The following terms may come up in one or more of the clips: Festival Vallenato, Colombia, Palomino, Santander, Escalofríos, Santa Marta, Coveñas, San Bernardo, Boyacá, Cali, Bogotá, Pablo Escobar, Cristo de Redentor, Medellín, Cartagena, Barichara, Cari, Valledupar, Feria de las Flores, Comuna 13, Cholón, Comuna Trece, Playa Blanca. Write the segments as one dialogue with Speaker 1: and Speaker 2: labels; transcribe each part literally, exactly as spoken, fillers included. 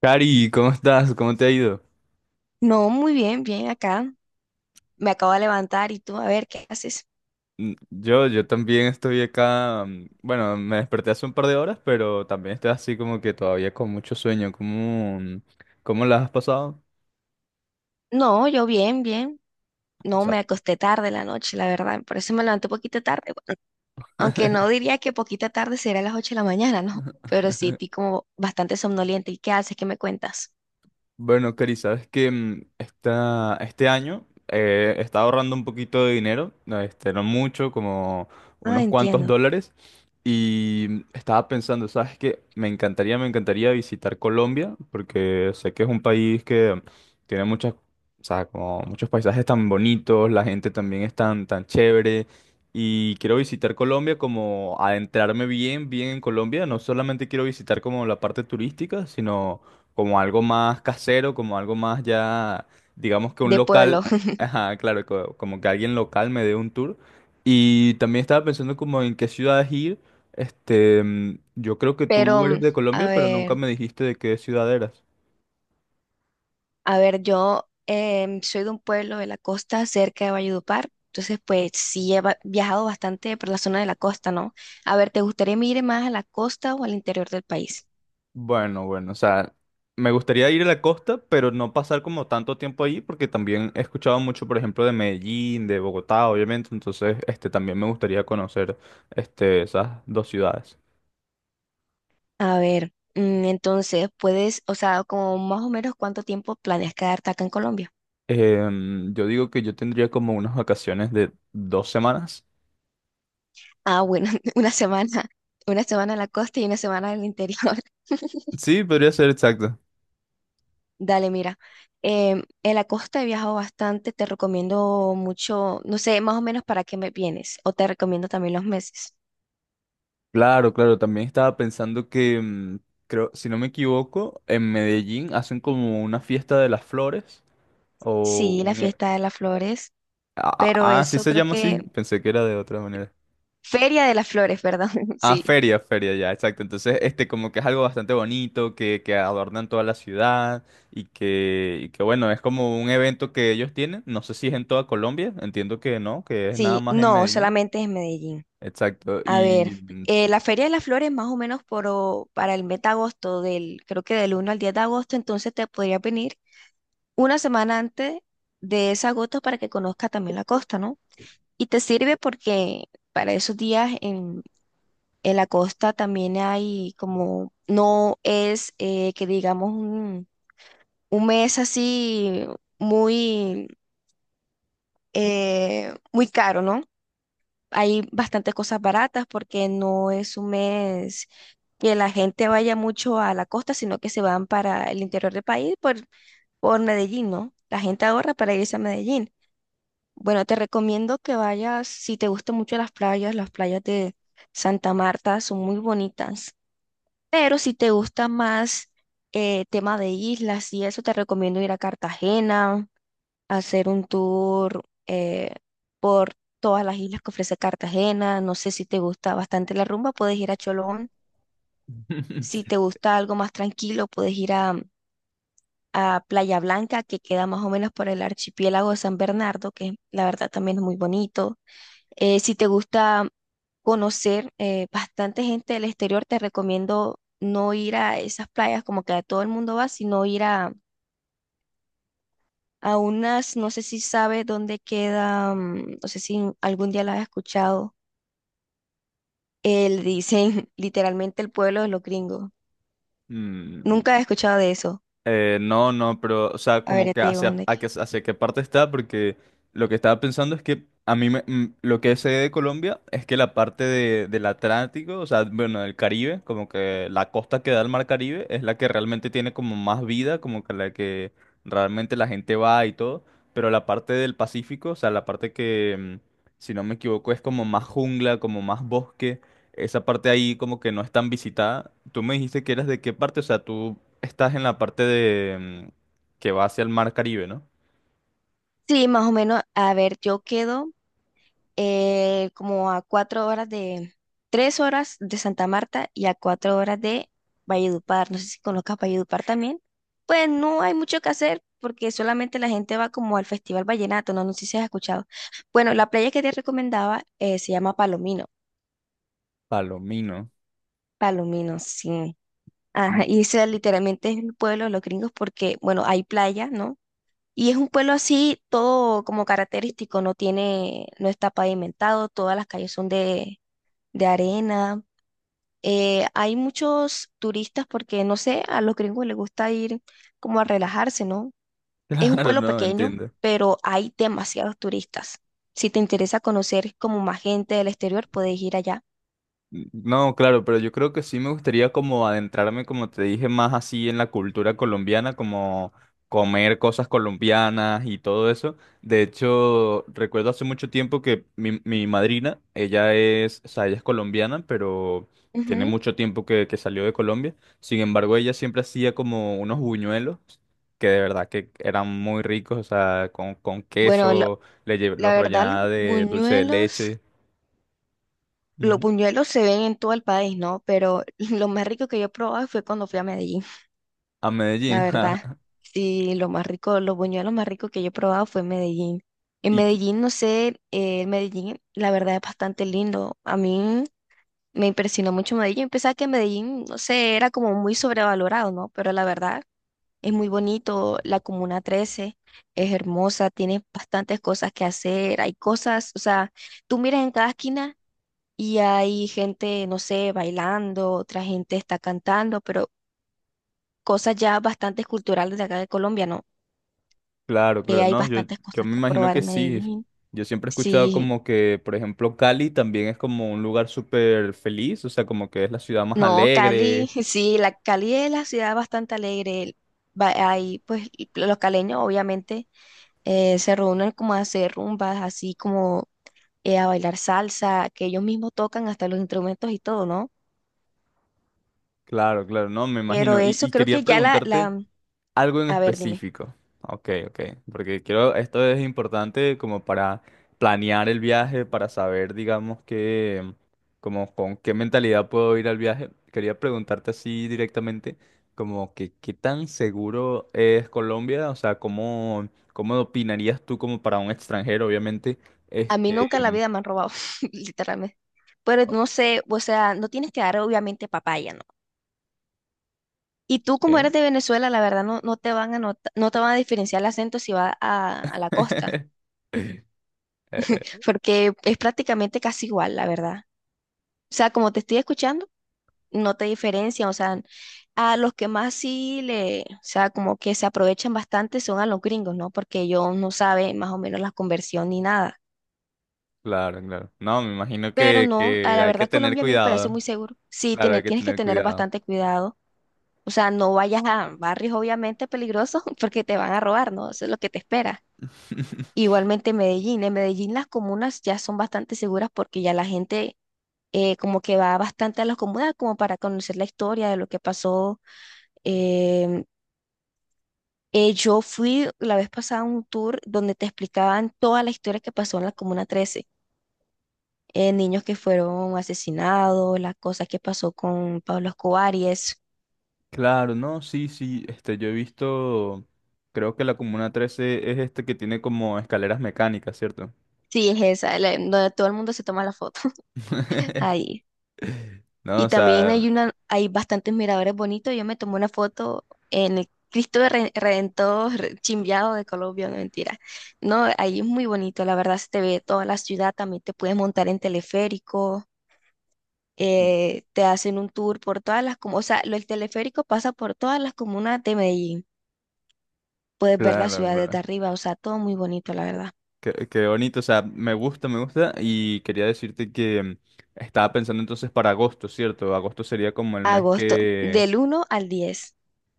Speaker 1: Cari, ¿cómo estás? ¿Cómo te ha ido?
Speaker 2: No, muy bien, bien acá. Me acabo de levantar y tú, a ver, ¿qué haces?
Speaker 1: Mm, Yo, yo también estoy acá, mm, bueno, me desperté hace un par de horas, pero también estoy así como que todavía con mucho sueño. ¿Cómo, mm, cómo la has pasado?
Speaker 2: No, yo bien, bien. No, me acosté tarde la noche, la verdad. Por eso me levanté poquito tarde. Bueno, aunque no diría que poquita tarde sería las ocho de la mañana, ¿no? Pero sí, estoy como bastante somnoliente. ¿Y qué haces? ¿Qué me cuentas?
Speaker 1: Bueno, Cari, sabes que mm, esta- este año eh, he ahorrando un poquito de dinero, no, este, no mucho, como
Speaker 2: Ah,
Speaker 1: unos cuantos
Speaker 2: entiendo.
Speaker 1: dólares, y mm, estaba pensando, sabes que me encantaría, me encantaría visitar Colombia, porque sé que es un país que tiene muchas, o sea, como muchos paisajes tan bonitos, la gente también es tan, tan chévere, y quiero visitar Colombia como adentrarme bien, bien en Colombia, no solamente quiero visitar como la parte turística, sino como algo más casero, como algo más ya, digamos que un
Speaker 2: De
Speaker 1: local,
Speaker 2: pueblo.
Speaker 1: ajá, claro, co- como que alguien local me dé un tour. Y también estaba pensando como en qué ciudades ir. Este, mm, yo creo que tú
Speaker 2: Pero,
Speaker 1: eres
Speaker 2: mm,
Speaker 1: de
Speaker 2: a
Speaker 1: Colombia, pero nunca
Speaker 2: ver.
Speaker 1: me dijiste de qué ciudad eras.
Speaker 2: A ver, yo em, soy de un pueblo de la costa cerca de Valledupar, entonces pues sí he va- viajado bastante por la zona de la costa, ¿no? A ver, ¿te gustaría ir más a la costa o al interior del país?
Speaker 1: Bueno, bueno, o sea, me gustaría ir a la costa, pero no pasar como tanto tiempo allí, porque también he escuchado mucho, por ejemplo, de Medellín, de Bogotá, obviamente, entonces, este, también me gustaría conocer, este, esas dos ciudades.
Speaker 2: A ver, mm, entonces puedes, o sea, como más o menos cuánto tiempo planeas quedarte acá en Colombia.
Speaker 1: Em, yo digo que yo tendría como unas vacaciones de dos semanas.
Speaker 2: Ah, bueno, una semana, una semana en la costa y una semana en el interior.
Speaker 1: Sí, podría ser exacto.
Speaker 2: Dale, mira, em, en la costa he viajado bastante, te recomiendo mucho, no sé, más o menos para qué me vienes, o te recomiendo también los meses.
Speaker 1: Claro, claro, también estaba pensando que, mm, creo, si no me equivoco, en Medellín hacen como una fiesta de las flores o
Speaker 2: Sí, la
Speaker 1: un... e-
Speaker 2: fiesta de las flores,
Speaker 1: Ah,
Speaker 2: pero
Speaker 1: ah, ah, sí
Speaker 2: eso
Speaker 1: se
Speaker 2: creo
Speaker 1: llama
Speaker 2: que...
Speaker 1: así, pensé que era de otra manera.
Speaker 2: Feria de las Flores, ¿verdad?
Speaker 1: Ah,
Speaker 2: Sí.
Speaker 1: feria, feria, ya, exacto. Entonces, este como que es algo bastante bonito, que, que adornan toda la ciudad y que, y que bueno, es como un evento que ellos tienen. No sé si es en toda Colombia, entiendo que no, que es nada
Speaker 2: Sí,
Speaker 1: más en
Speaker 2: no,
Speaker 1: Medellín.
Speaker 2: solamente es Medellín.
Speaker 1: Exacto.
Speaker 2: A ver,
Speaker 1: Y mm,
Speaker 2: eh, la Feria de las Flores más o menos por, o- para el mes de agosto, del, creo que del uno al diez de agosto, entonces te podría venir una semana antes de ese agosto para que conozca también la costa, ¿no? Y te sirve porque para esos días en, en la costa también hay como, no es eh, que digamos un mes así muy, eh, muy caro, ¿no? Hay bastantes cosas baratas porque no es un mes que la gente vaya mucho a la costa, sino que se van para el interior del país por, por Medellín, ¿no? La gente ahorra para irse a Medellín. Bueno, te recomiendo que vayas, si te gustan mucho las playas, las playas de Santa Marta son muy bonitas, pero si te gusta más eh, tema de islas y eso, te recomiendo ir a Cartagena hacer un tour eh, por todas las islas que ofrece Cartagena. No sé si te gusta bastante la rumba, puedes ir a Cholón. Si te gusta algo más tranquilo, puedes ir a, a Playa Blanca, que queda más o menos por el archipiélago de San Bernardo, que la verdad también es muy bonito. Eh, si te gusta conocer eh, bastante gente del exterior, te recomiendo no ir a esas playas como que a todo el mundo va, sino ir a a unas, no sé si sabe dónde queda, mm, no sé si algún día la has escuchado, eh, le dicen literalmente el pueblo de los gringos.
Speaker 1: mm,
Speaker 2: Nunca he escuchado de eso.
Speaker 1: eh, no, no, pero, o sea,
Speaker 2: A ver,
Speaker 1: como
Speaker 2: ya
Speaker 1: que
Speaker 2: te digo
Speaker 1: hacia,
Speaker 2: dónde.
Speaker 1: a
Speaker 2: que-
Speaker 1: que- hacia qué parte está, porque lo que estaba pensando es que a mí me- mm, lo que sé de Colombia es que la parte de, del Atlántico, o sea, bueno, del Caribe, como que la costa que da al mar Caribe es la que realmente tiene como más vida, como que la que realmente la gente va y todo, pero la parte del Pacífico, o sea, la parte que, mm, si no me equivoco, es como más jungla, como más bosque. Esa parte ahí como que no es tan visitada. Tú me dijiste que eras de qué parte, o sea, tú estás en la parte de mm, que va hacia el mar Caribe, ¿no?
Speaker 2: Sí, más o menos, a ver, yo quedo eh, como a cuatro horas de, tres horas de Santa Marta y a cuatro horas de Valledupar. No sé si conozcas Valledupar también. Pues no hay mucho que hacer porque solamente la gente va como al Festival Vallenato, no, no sé si has escuchado. Bueno, la playa que te recomendaba eh, se llama Palomino.
Speaker 1: Palomino.
Speaker 2: Palomino, sí. Ajá,
Speaker 1: Mm,
Speaker 2: y ese literalmente es el pueblo de los gringos porque, bueno, hay playa, ¿no? Y es un pueblo así, todo como característico, no tiene, no está pavimentado, todas las calles son de, de arena. Eh, hay muchos turistas porque, no sé, a los gringos les gusta ir como a relajarse, ¿no? Es un
Speaker 1: Claro,
Speaker 2: pueblo
Speaker 1: no,
Speaker 2: pequeño,
Speaker 1: entiendo.
Speaker 2: pero hay demasiados turistas. Si te interesa conocer como más gente del exterior, puedes ir allá.
Speaker 1: No, claro, pero yo creo que sí me gustaría como adentrarme, como te dije, más así en la cultura colombiana, como comer cosas colombianas y todo eso. De hecho, recuerdo hace mucho tiempo que mi, mi madrina, ella es, o sea, ella es colombiana, pero tiene
Speaker 2: Ujú.
Speaker 1: mucho tiempo que, que salió de Colombia. Sin embargo, ella siempre hacía como unos buñuelos que de verdad que eran muy ricos, o sea, con, con
Speaker 2: Bueno, lo-
Speaker 1: queso, le lle-
Speaker 2: la
Speaker 1: los
Speaker 2: verdad, los
Speaker 1: rellenaba de dulce de
Speaker 2: buñuelos,
Speaker 1: leche.
Speaker 2: los
Speaker 1: Ujú.
Speaker 2: buñuelos se ven en todo el país, ¿no? Pero lo más rico que yo he probado fue cuando fui a Medellín.
Speaker 1: A
Speaker 2: La
Speaker 1: Medellín.
Speaker 2: verdad. Sí, lo más rico, los buñuelos más ricos que yo he probado fue en Medellín. En
Speaker 1: Y qui-
Speaker 2: Medellín, no sé, eh, Medellín, la verdad es bastante lindo. A mí me impresionó mucho Medellín. Pensaba que Medellín, no sé, era como muy sobrevalorado, ¿no? Pero la verdad es muy bonito. La Comuna trece es hermosa, tiene bastantes cosas que hacer. Hay cosas, o sea, tú miras en cada esquina y hay gente, no sé, bailando, otra gente está cantando, pero cosas ya bastante culturales de acá de Colombia, ¿no?
Speaker 1: claro,
Speaker 2: Eh,
Speaker 1: claro,
Speaker 2: hay
Speaker 1: no, yo,
Speaker 2: bastantes
Speaker 1: yo
Speaker 2: cosas
Speaker 1: me
Speaker 2: que
Speaker 1: imagino
Speaker 2: probar
Speaker 1: que
Speaker 2: en
Speaker 1: sí.
Speaker 2: Medellín.
Speaker 1: Yo siempre he escuchado
Speaker 2: Sí,
Speaker 1: como que, por ejemplo, Cali también es como un lugar súper feliz, o sea, como que es la ciudad más
Speaker 2: no, Cali,
Speaker 1: alegre.
Speaker 2: sí, la Cali es la ciudad bastante alegre. Va- Ahí, pues, y los caleños obviamente eh, se reúnen como a hacer rumbas, así como eh, a bailar salsa, que ellos mismos tocan hasta los instrumentos y todo, ¿no?
Speaker 1: Claro, claro, no, me
Speaker 2: Pero
Speaker 1: imagino. Y,
Speaker 2: eso
Speaker 1: y
Speaker 2: creo
Speaker 1: quería
Speaker 2: que ya la,
Speaker 1: preguntarte,
Speaker 2: la,
Speaker 1: algo en
Speaker 2: A ver, dime,
Speaker 1: específico. Ok, ok. Porque quiero, esto es importante como para planear el viaje, para saber, digamos, que, como con qué mentalidad puedo ir al viaje. Quería preguntarte así directamente, como que qué tan seguro es Colombia, o sea, cómo, cómo opinarías tú como para un extranjero, obviamente.
Speaker 2: a mí
Speaker 1: Este,
Speaker 2: nunca en la vida me han robado, literalmente. Pero
Speaker 1: o-
Speaker 2: no sé, o sea, no tienes que dar obviamente papaya, ¿no? Y tú, como eres de Venezuela, la verdad no, no te van a nota- no te van a diferenciar el acento si vas a, a la costa,
Speaker 1: Eh,
Speaker 2: porque es prácticamente casi igual, la verdad. O sea, como te estoy escuchando, no te diferencian. O sea, a los que más sí le, o sea, como que se aprovechan bastante son a los gringos, ¿no? Porque ellos no saben más o menos la conversión ni nada.
Speaker 1: claro, claro. No, me imagino
Speaker 2: Pero
Speaker 1: que,
Speaker 2: no, a
Speaker 1: que
Speaker 2: la
Speaker 1: hay que
Speaker 2: verdad
Speaker 1: tener
Speaker 2: Colombia a mí me parece
Speaker 1: cuidado.
Speaker 2: muy seguro. Sí,
Speaker 1: Claro, hay
Speaker 2: tiene-
Speaker 1: que
Speaker 2: tienes que
Speaker 1: tener
Speaker 2: tener
Speaker 1: cuidado.
Speaker 2: bastante cuidado. O sea, no vayas a barrios obviamente peligrosos porque te van a robar, ¿no? Eso es lo que te espera. Igualmente Medellín. En Medellín las comunas ya son bastante seguras porque ya la gente eh, como que va bastante a las comunas como para conocer la historia de lo que pasó. Em, eh, yo fui la vez pasada a un tour donde te explicaban toda la historia que pasó en la Comuna trece. Eh, niños que fueron asesinados, las cosas que pasó con Pablo Escobar y eso.
Speaker 1: Claro, no, sí, sí, este, yo he visto, creo que la Comuna Trece es este que tiene como escaleras mecánicas, ¿cierto?
Speaker 2: Sí, es esa, la- donde todo el mundo se toma la foto. Ahí.
Speaker 1: No,
Speaker 2: Y
Speaker 1: o
Speaker 2: también
Speaker 1: sea,
Speaker 2: hay una, hay bastantes miradores bonitos. Yo me tomé una foto en el Cristo de Re- Redentor Re- Chimbiado de Colombia, no mentira. No, ahí es muy bonito, la verdad se te ve toda la ciudad, también te puedes montar en teleférico, eh, te hacen un tour por todas las comunas, o sea, lo- el teleférico pasa por todas las comunas de Medellín. Puedes ver la
Speaker 1: claro,
Speaker 2: ciudad desde
Speaker 1: claro.
Speaker 2: arriba, o sea, todo muy bonito, la verdad.
Speaker 1: Qué, qué bonito, o sea, me gusta, me gusta. Y quería decirte que mm, estaba pensando entonces para agosto, ¿cierto? Agosto sería como el mes
Speaker 2: Agosto,
Speaker 1: que
Speaker 2: del uno al diez.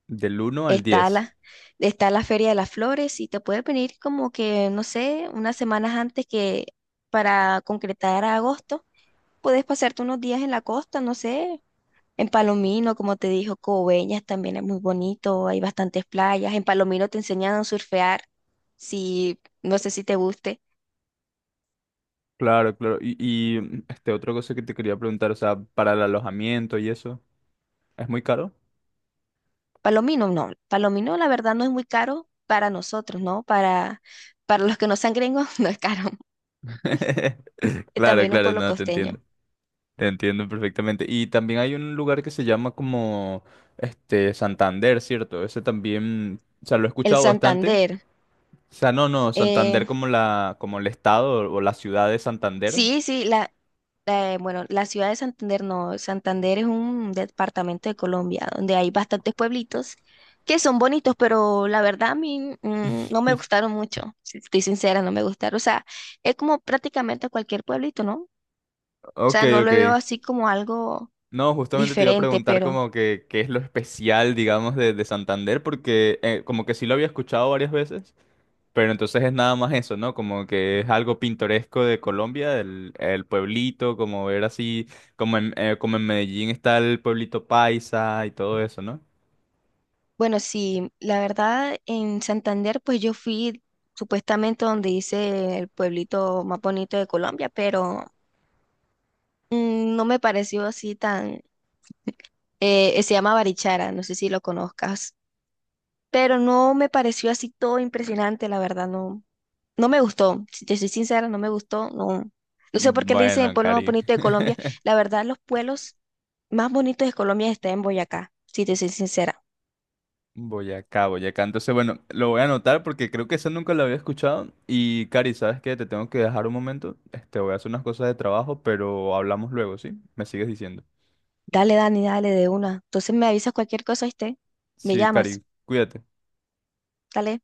Speaker 1: del uno al
Speaker 2: Está
Speaker 1: diez.
Speaker 2: la, está la Feria de las Flores y te puedes venir como que, no sé, unas semanas antes que para concretar a agosto. Puedes pasarte unos días en la costa, no sé, en Palomino, como te dijo, Coveñas también es muy bonito, hay bastantes playas. En Palomino te enseñan a surfear, si, no sé si te guste.
Speaker 1: Claro, claro. Y, y mm, este, otra cosa que te quería preguntar, o sea, para el alojamiento y eso, ¿es muy caro?
Speaker 2: Palomino, no, Palomino la verdad no es muy caro para nosotros, ¿no? Para, para los que no sean gringos, no es caro. Es
Speaker 1: Claro,
Speaker 2: también un
Speaker 1: claro,
Speaker 2: pueblo
Speaker 1: no, te
Speaker 2: costeño.
Speaker 1: entiendo. Te entiendo perfectamente. Y también hay un lugar que se llama como este Santander, ¿cierto? Ese también, o sea, lo he
Speaker 2: El
Speaker 1: escuchado bastante.
Speaker 2: Santander.
Speaker 1: O sea, no, no, Santander
Speaker 2: eh,
Speaker 1: como la, como el estado o la ciudad de Santander.
Speaker 2: Sí, sí, la, eh, bueno, la ciudad de Santander no, Santander es un departamento de Colombia donde hay bastantes pueblitos que son bonitos, pero la verdad a mí mm, no me gustaron mucho, si estoy sincera, no me gustaron. O sea, es como prácticamente cualquier pueblito, ¿no? O
Speaker 1: Ok,
Speaker 2: sea, no lo
Speaker 1: ok.
Speaker 2: veo así como algo
Speaker 1: No, justamente te iba a
Speaker 2: diferente,
Speaker 1: preguntar
Speaker 2: pero
Speaker 1: como que qué es lo especial, digamos, de, de Santander, porque eh, como que sí lo había escuchado varias veces, pero entonces es nada más eso, ¿no? Como que es algo pintoresco de Colombia, el, el pueblito, como ver así, como en, eh, como en Medellín está el pueblito paisa y todo eso, ¿no?
Speaker 2: bueno, sí, la verdad en Santander pues yo fui supuestamente donde hice el pueblito más bonito de Colombia, pero mm, no me pareció así tan. Eh, se llama Barichara, no sé si lo conozcas, pero no me pareció así todo impresionante, la verdad, no, no me gustó, si te soy sincera, no me gustó, no, no sé por qué le dicen el
Speaker 1: Bueno,
Speaker 2: pueblo más
Speaker 1: Cari.
Speaker 2: bonito de Colombia, la verdad, los pueblos más bonitos de Colombia están en Boyacá, si te soy sincera.
Speaker 1: Boyacá, Boyacá. Entonces, bueno, lo voy a anotar porque creo que eso nunca lo había escuchado. Y, Cari, ¿sabes qué? Te tengo que dejar un momento. Este, voy a hacer unas cosas de trabajo, pero hablamos luego, ¿sí? Me sigues diciendo.
Speaker 2: Dale, Dani, dale de una. Entonces me avisas cualquier cosa, ¿viste? Me
Speaker 1: Sí,
Speaker 2: llamas,
Speaker 1: Cari, cuídate.
Speaker 2: dale.